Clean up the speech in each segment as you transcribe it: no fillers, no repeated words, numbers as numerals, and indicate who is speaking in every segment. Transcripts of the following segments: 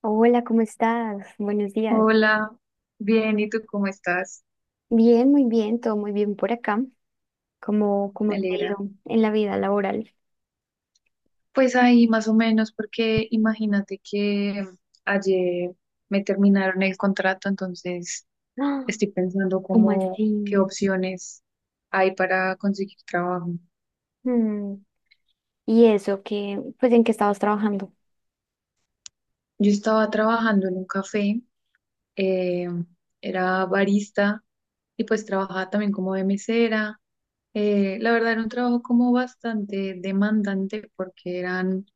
Speaker 1: Hola, ¿cómo estás? Buenos días.
Speaker 2: Hola, bien, ¿y tú cómo estás?
Speaker 1: Bien, muy bien, todo muy bien por acá. ¿Cómo,
Speaker 2: Me
Speaker 1: cómo te ha
Speaker 2: alegra.
Speaker 1: ido en la vida laboral?
Speaker 2: Pues ahí más o menos, porque imagínate que ayer me terminaron el contrato, entonces
Speaker 1: ¡Ah!
Speaker 2: estoy pensando
Speaker 1: ¿Cómo
Speaker 2: cómo, qué
Speaker 1: así?
Speaker 2: opciones hay para conseguir trabajo.
Speaker 1: Mm, ¿y eso que, pues en qué estabas trabajando?
Speaker 2: Yo estaba trabajando en un café, eh, era barista y pues trabajaba también como de mesera. La verdad era un trabajo como bastante demandante porque eran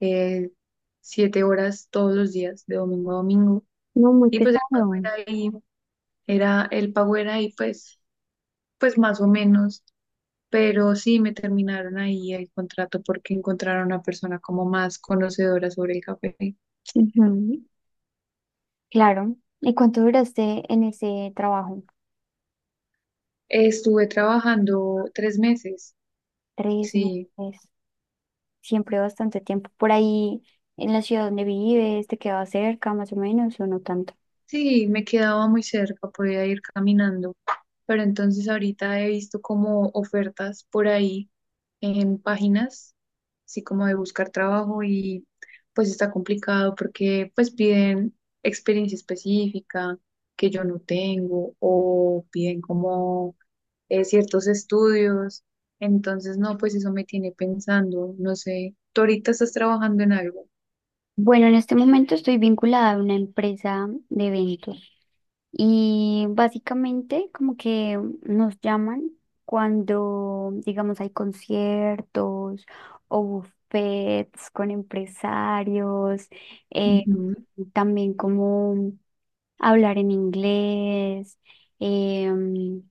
Speaker 2: eh, 7 horas todos los días, de domingo a domingo.
Speaker 1: No, muy
Speaker 2: Y pues el pago
Speaker 1: pesado.
Speaker 2: era ahí, era, el pago era ahí pues más o menos, pero sí me terminaron ahí el contrato porque encontraron a una persona como más conocedora sobre el café.
Speaker 1: Ujú, claro. ¿Y cuánto duraste en ese trabajo?
Speaker 2: Estuve trabajando 3 meses,
Speaker 1: Tres
Speaker 2: sí.
Speaker 1: meses, siempre bastante tiempo. Por ahí, en la ciudad donde vives, ¿te quedaba cerca más o menos o no tanto?
Speaker 2: Sí, me quedaba muy cerca, podía ir caminando, pero entonces ahorita he visto como ofertas por ahí en páginas, así como de buscar trabajo y pues está complicado porque pues piden experiencia específica que yo no tengo o piden como ciertos estudios, entonces no, pues eso me tiene pensando, no sé, tú ahorita estás trabajando en algo.
Speaker 1: Bueno, en este momento estoy vinculada a una empresa de eventos. Y básicamente como que nos llaman cuando, digamos, hay conciertos o buffets con empresarios, eh,
Speaker 2: Ujú,
Speaker 1: también como hablar en inglés, em,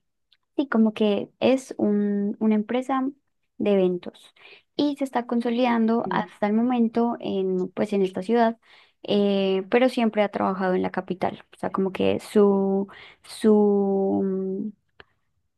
Speaker 1: sí, como que es una empresa de eventos y se está consolidando
Speaker 2: sí,
Speaker 1: hasta el momento en, pues, en esta ciudad, pero siempre ha trabajado en la capital. O sea, como que su,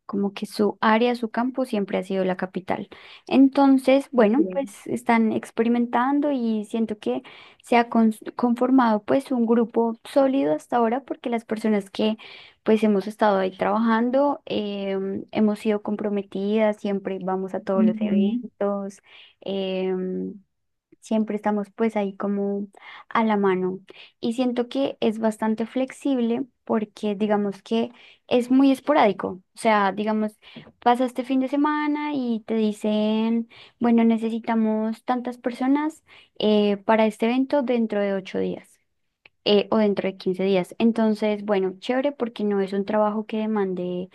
Speaker 1: como que su área, su campo siempre ha sido la capital. Entonces, bueno,
Speaker 2: ok,
Speaker 1: pues están experimentando y siento que se ha conformado pues un grupo sólido hasta ahora porque las personas que pues hemos estado ahí trabajando, hemos sido comprometidas, siempre vamos a todos los
Speaker 2: ujú,
Speaker 1: eventos, em, siempre estamos pues ahí como a la mano. Y siento que es bastante flexible porque digamos que es muy esporádico. O sea, digamos, pasa este fin de semana y te dicen, bueno, necesitamos tantas personas para este evento dentro de 8 días o dentro de 15 días. Entonces, bueno, chévere porque no es un trabajo que demande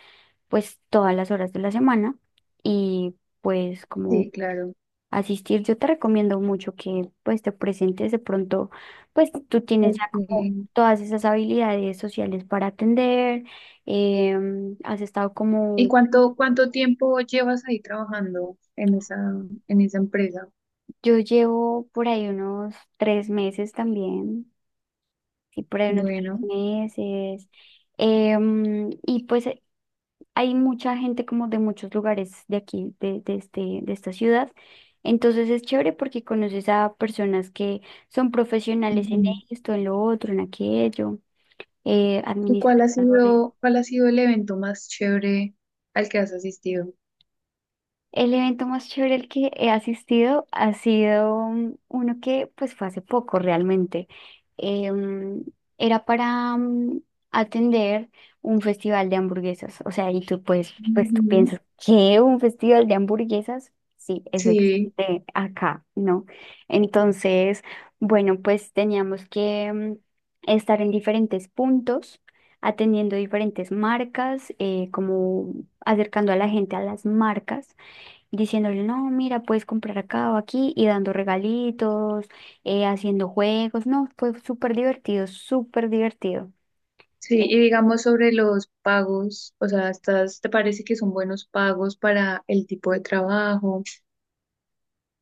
Speaker 1: pues todas las horas de la semana y pues como
Speaker 2: sí, claro.
Speaker 1: asistir. Yo te recomiendo mucho que pues te presentes de pronto, pues tú tienes
Speaker 2: Ok.
Speaker 1: ya como todas esas habilidades sociales para atender, has estado
Speaker 2: ¿Y
Speaker 1: como,
Speaker 2: cuánto tiempo llevas ahí trabajando en esa empresa?
Speaker 1: yo llevo por ahí unos 3 meses también, sí, por ahí unos tres
Speaker 2: Bueno.
Speaker 1: meses. Y pues hay mucha gente como de muchos lugares de aquí, de este, de esta ciudad. Entonces es chévere porque conoces a personas que son profesionales en
Speaker 2: Ujú.
Speaker 1: esto, en lo otro, en aquello,
Speaker 2: ¿Y cuál ha
Speaker 1: administradores.
Speaker 2: sido, cuál ha sido el evento más chévere al que has asistido?
Speaker 1: El evento más chévere al que he asistido ha sido uno que pues fue hace poco realmente. Eh, mm, era para atender un festival de hamburguesas. O sea, y tú pues tú
Speaker 2: Ujú.
Speaker 1: piensas, ¿qué? ¿Un festival de hamburguesas? Sí, eso
Speaker 2: Sí,
Speaker 1: existe acá, ¿no? Entonces, bueno, pues teníamos que estar en diferentes puntos, atendiendo diferentes marcas, como acercando a la gente a las marcas diciéndole, no, mira, puedes comprar acá o aquí, y dando regalitos, haciendo juegos, no, fue súper divertido, súper divertido.
Speaker 2: sí,
Speaker 1: Eh,
Speaker 2: y digamos sobre los pagos, o sea, ¿ te parece que son buenos pagos para el tipo de trabajo?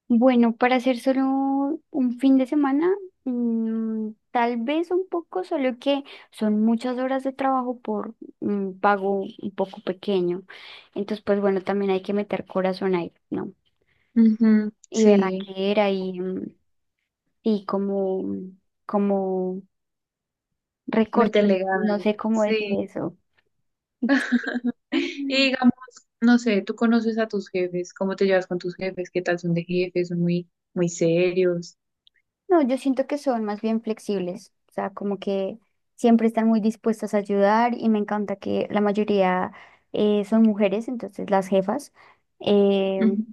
Speaker 1: Bueno, para hacer solo un fin de semana, mm, tal vez un poco, solo que son muchas horas de trabajo por un pago un poco pequeño. Entonces, pues bueno, también hay que meter corazón ahí, ¿no?
Speaker 2: Ujú.
Speaker 1: Y
Speaker 2: Sí,
Speaker 1: berraquera y como, como recorcho,
Speaker 2: meterle
Speaker 1: no
Speaker 2: ganas.
Speaker 1: sé cómo decir
Speaker 2: Sí.
Speaker 1: eso.
Speaker 2: Y
Speaker 1: No,
Speaker 2: digamos, no sé, tú conoces a tus jefes, ¿cómo te llevas con tus jefes? ¿Qué tal son de jefes? ¿Son muy, muy serios?
Speaker 1: yo siento que son más bien flexibles, o sea, como que siempre están muy dispuestas a ayudar y me encanta que la mayoría son mujeres, entonces las jefas, eh,
Speaker 2: Ujú.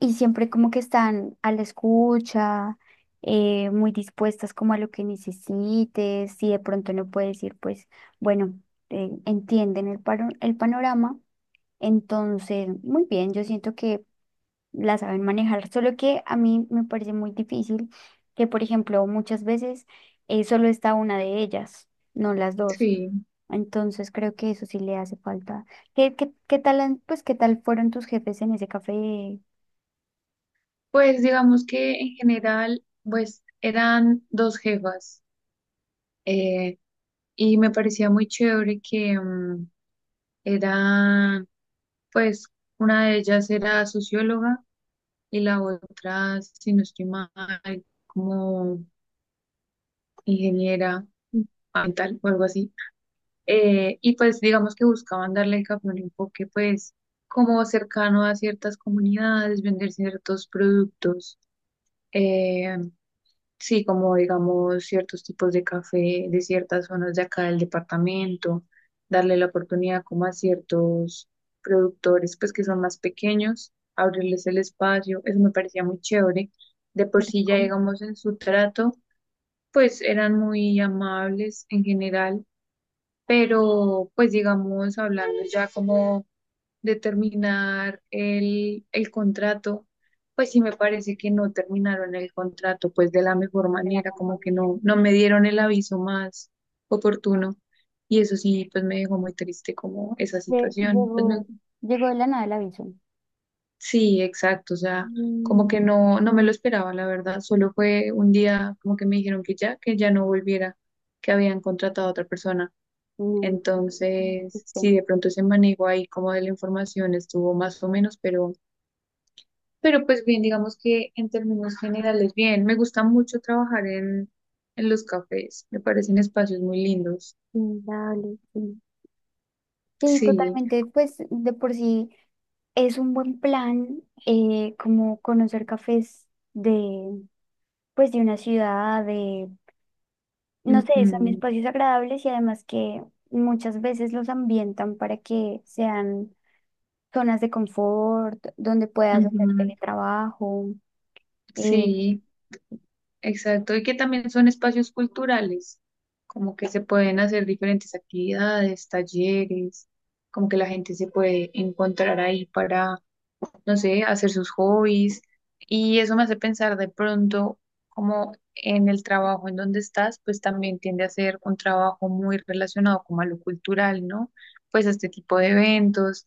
Speaker 1: y siempre como que están a la escucha, muy dispuestas como a lo que necesites, si de pronto no puedes ir, pues bueno, entienden el panorama, entonces, muy bien, yo siento que la saben manejar, solo que a mí me parece muy difícil que, por ejemplo, muchas veces solo está una de ellas, no las dos.
Speaker 2: Sí,
Speaker 1: Entonces creo que eso sí le hace falta. ¿Qué, qué tal, pues, qué tal fueron tus jefes en ese café de
Speaker 2: pues digamos que en general, pues eran dos jefas, eh, y me parecía muy chévere que, eran, pues una de ellas era socióloga y la otra, si no estoy mal, como ingeniera ambiental o algo así. Y pues digamos que buscaban darle al café un enfoque pues como cercano a ciertas comunidades, vender ciertos productos, eh, sí, como digamos ciertos tipos de café de ciertas zonas de acá del departamento, darle la oportunidad como a ciertos productores pues que son más pequeños, abrirles el espacio, eso me parecía muy chévere. De por sí ya
Speaker 1: Rincón?
Speaker 2: digamos en su trato, pues eran muy amables en general, pero pues digamos, hablando ya como de terminar el contrato, pues sí me parece que no terminaron el contrato pues de la mejor
Speaker 1: ¿De la
Speaker 2: manera, como que
Speaker 1: Conformación?
Speaker 2: no, no me dieron el aviso más oportuno, y eso sí, pues me dejó muy triste como esa situación.
Speaker 1: Llegó, llegó de la nada el aviso.
Speaker 2: Sí, exacto, o sea, como
Speaker 1: Mm,
Speaker 2: que no, no me lo esperaba, la verdad, solo fue un día como que me dijeron que ya, no volviera, que habían contratado a otra persona.
Speaker 1: no, no
Speaker 2: Entonces,
Speaker 1: existe.
Speaker 2: sí, de pronto ese manejo ahí como de la información estuvo más o menos, pero pues bien, digamos que en términos generales, bien, me gusta mucho trabajar en los cafés, me parecen espacios muy lindos.
Speaker 1: Inevitable, sí. Sí,
Speaker 2: Sí,
Speaker 1: totalmente. Pues de por sí. Es un buen plan, como conocer cafés de, pues, de una ciudad, de, no sé, son
Speaker 2: ujú,
Speaker 1: espacios agradables y además que muchas veces los ambientan para que sean zonas de confort, donde puedas hacer
Speaker 2: ujú,
Speaker 1: teletrabajo. eh,
Speaker 2: sí, exacto, y que también son espacios culturales, como que se pueden hacer diferentes actividades, talleres, como que la gente se puede encontrar ahí, no sé, hacer sus hobbies. Y eso me hace pensar de pronto como en el trabajo en donde estás, pues también tiende a ser un trabajo muy relacionado como a lo cultural, ¿no? Pues a este tipo de eventos.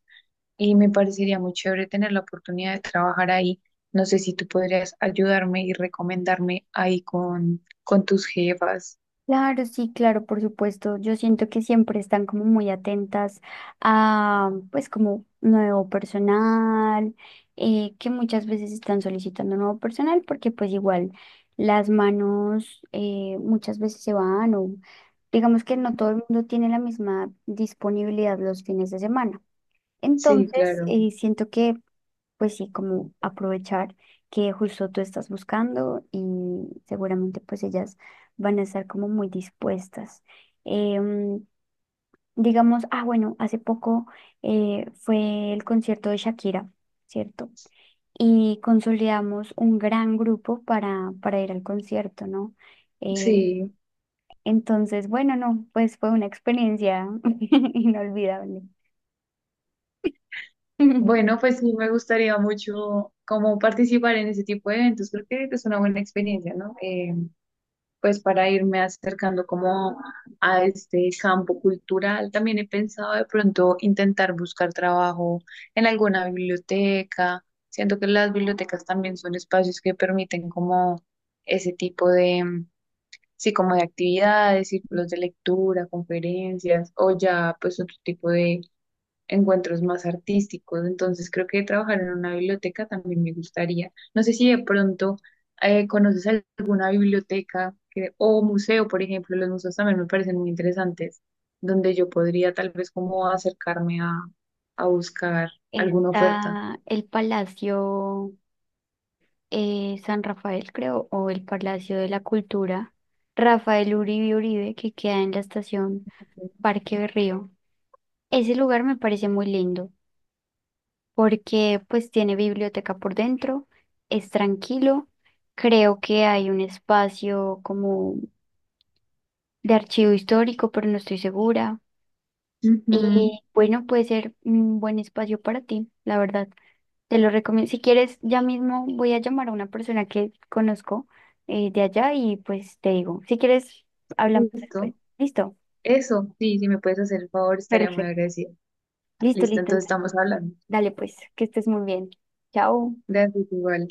Speaker 2: Y me parecería muy chévere tener la oportunidad de trabajar ahí. No sé si tú podrías ayudarme y recomendarme ahí con tus jefas.
Speaker 1: Claro, sí, claro, por supuesto. Yo siento que siempre están como muy atentas a, pues, como nuevo personal, que muchas veces están solicitando nuevo personal porque, pues, igual las manos muchas veces se van o digamos que no todo el mundo tiene la misma disponibilidad los fines de semana.
Speaker 2: Sí,
Speaker 1: Entonces,
Speaker 2: claro.
Speaker 1: siento que pues sí, como aprovechar que justo tú estás buscando y seguramente pues ellas van a estar como muy dispuestas. Em, digamos, ah, bueno, hace poco fue el concierto de Shakira, ¿cierto? Y consolidamos un gran grupo para ir al concierto, ¿no? Eh,
Speaker 2: Sí.
Speaker 1: entonces, bueno, no, pues fue una experiencia inolvidable.
Speaker 2: Bueno, pues sí, me gustaría mucho como participar en ese tipo de eventos. Creo que es una buena experiencia, ¿no? Pues para irme acercando como a este campo cultural. También he pensado de pronto intentar buscar trabajo en alguna biblioteca. Siento que las bibliotecas también son espacios que permiten como ese tipo de, sí, como de actividades, círculos de lectura, conferencias o ya pues otro tipo de encuentros más artísticos. Entonces creo que trabajar en una biblioteca también me gustaría. No sé si de pronto conoces alguna o museo, por ejemplo, los museos también me parecen muy interesantes, donde yo podría tal vez como acercarme a buscar alguna oferta.
Speaker 1: Está el Palacio, San Rafael, creo, o el Palacio de la Cultura, Rafael Uribe Uribe, que queda en la estación Parque Berrío. Ese lugar me parece muy lindo porque pues tiene biblioteca por dentro, es tranquilo, creo que hay un espacio como de archivo histórico, pero no estoy segura.
Speaker 2: Ujú.
Speaker 1: Y bueno, puede ser un buen espacio para ti, la verdad. Te lo recomiendo. Si quieres, ya mismo voy a llamar a una persona que conozco de allá y pues te digo, si quieres, hablamos
Speaker 2: Listo.
Speaker 1: después. Listo,
Speaker 2: Eso, sí, si me puedes hacer el favor, estaría muy
Speaker 1: perfecto.
Speaker 2: agradecida.
Speaker 1: Listo,
Speaker 2: Listo,
Speaker 1: listo.
Speaker 2: entonces
Speaker 1: Entonces,
Speaker 2: estamos hablando.
Speaker 1: dale pues, que estés muy bien. Chao.
Speaker 2: Gracias, igual.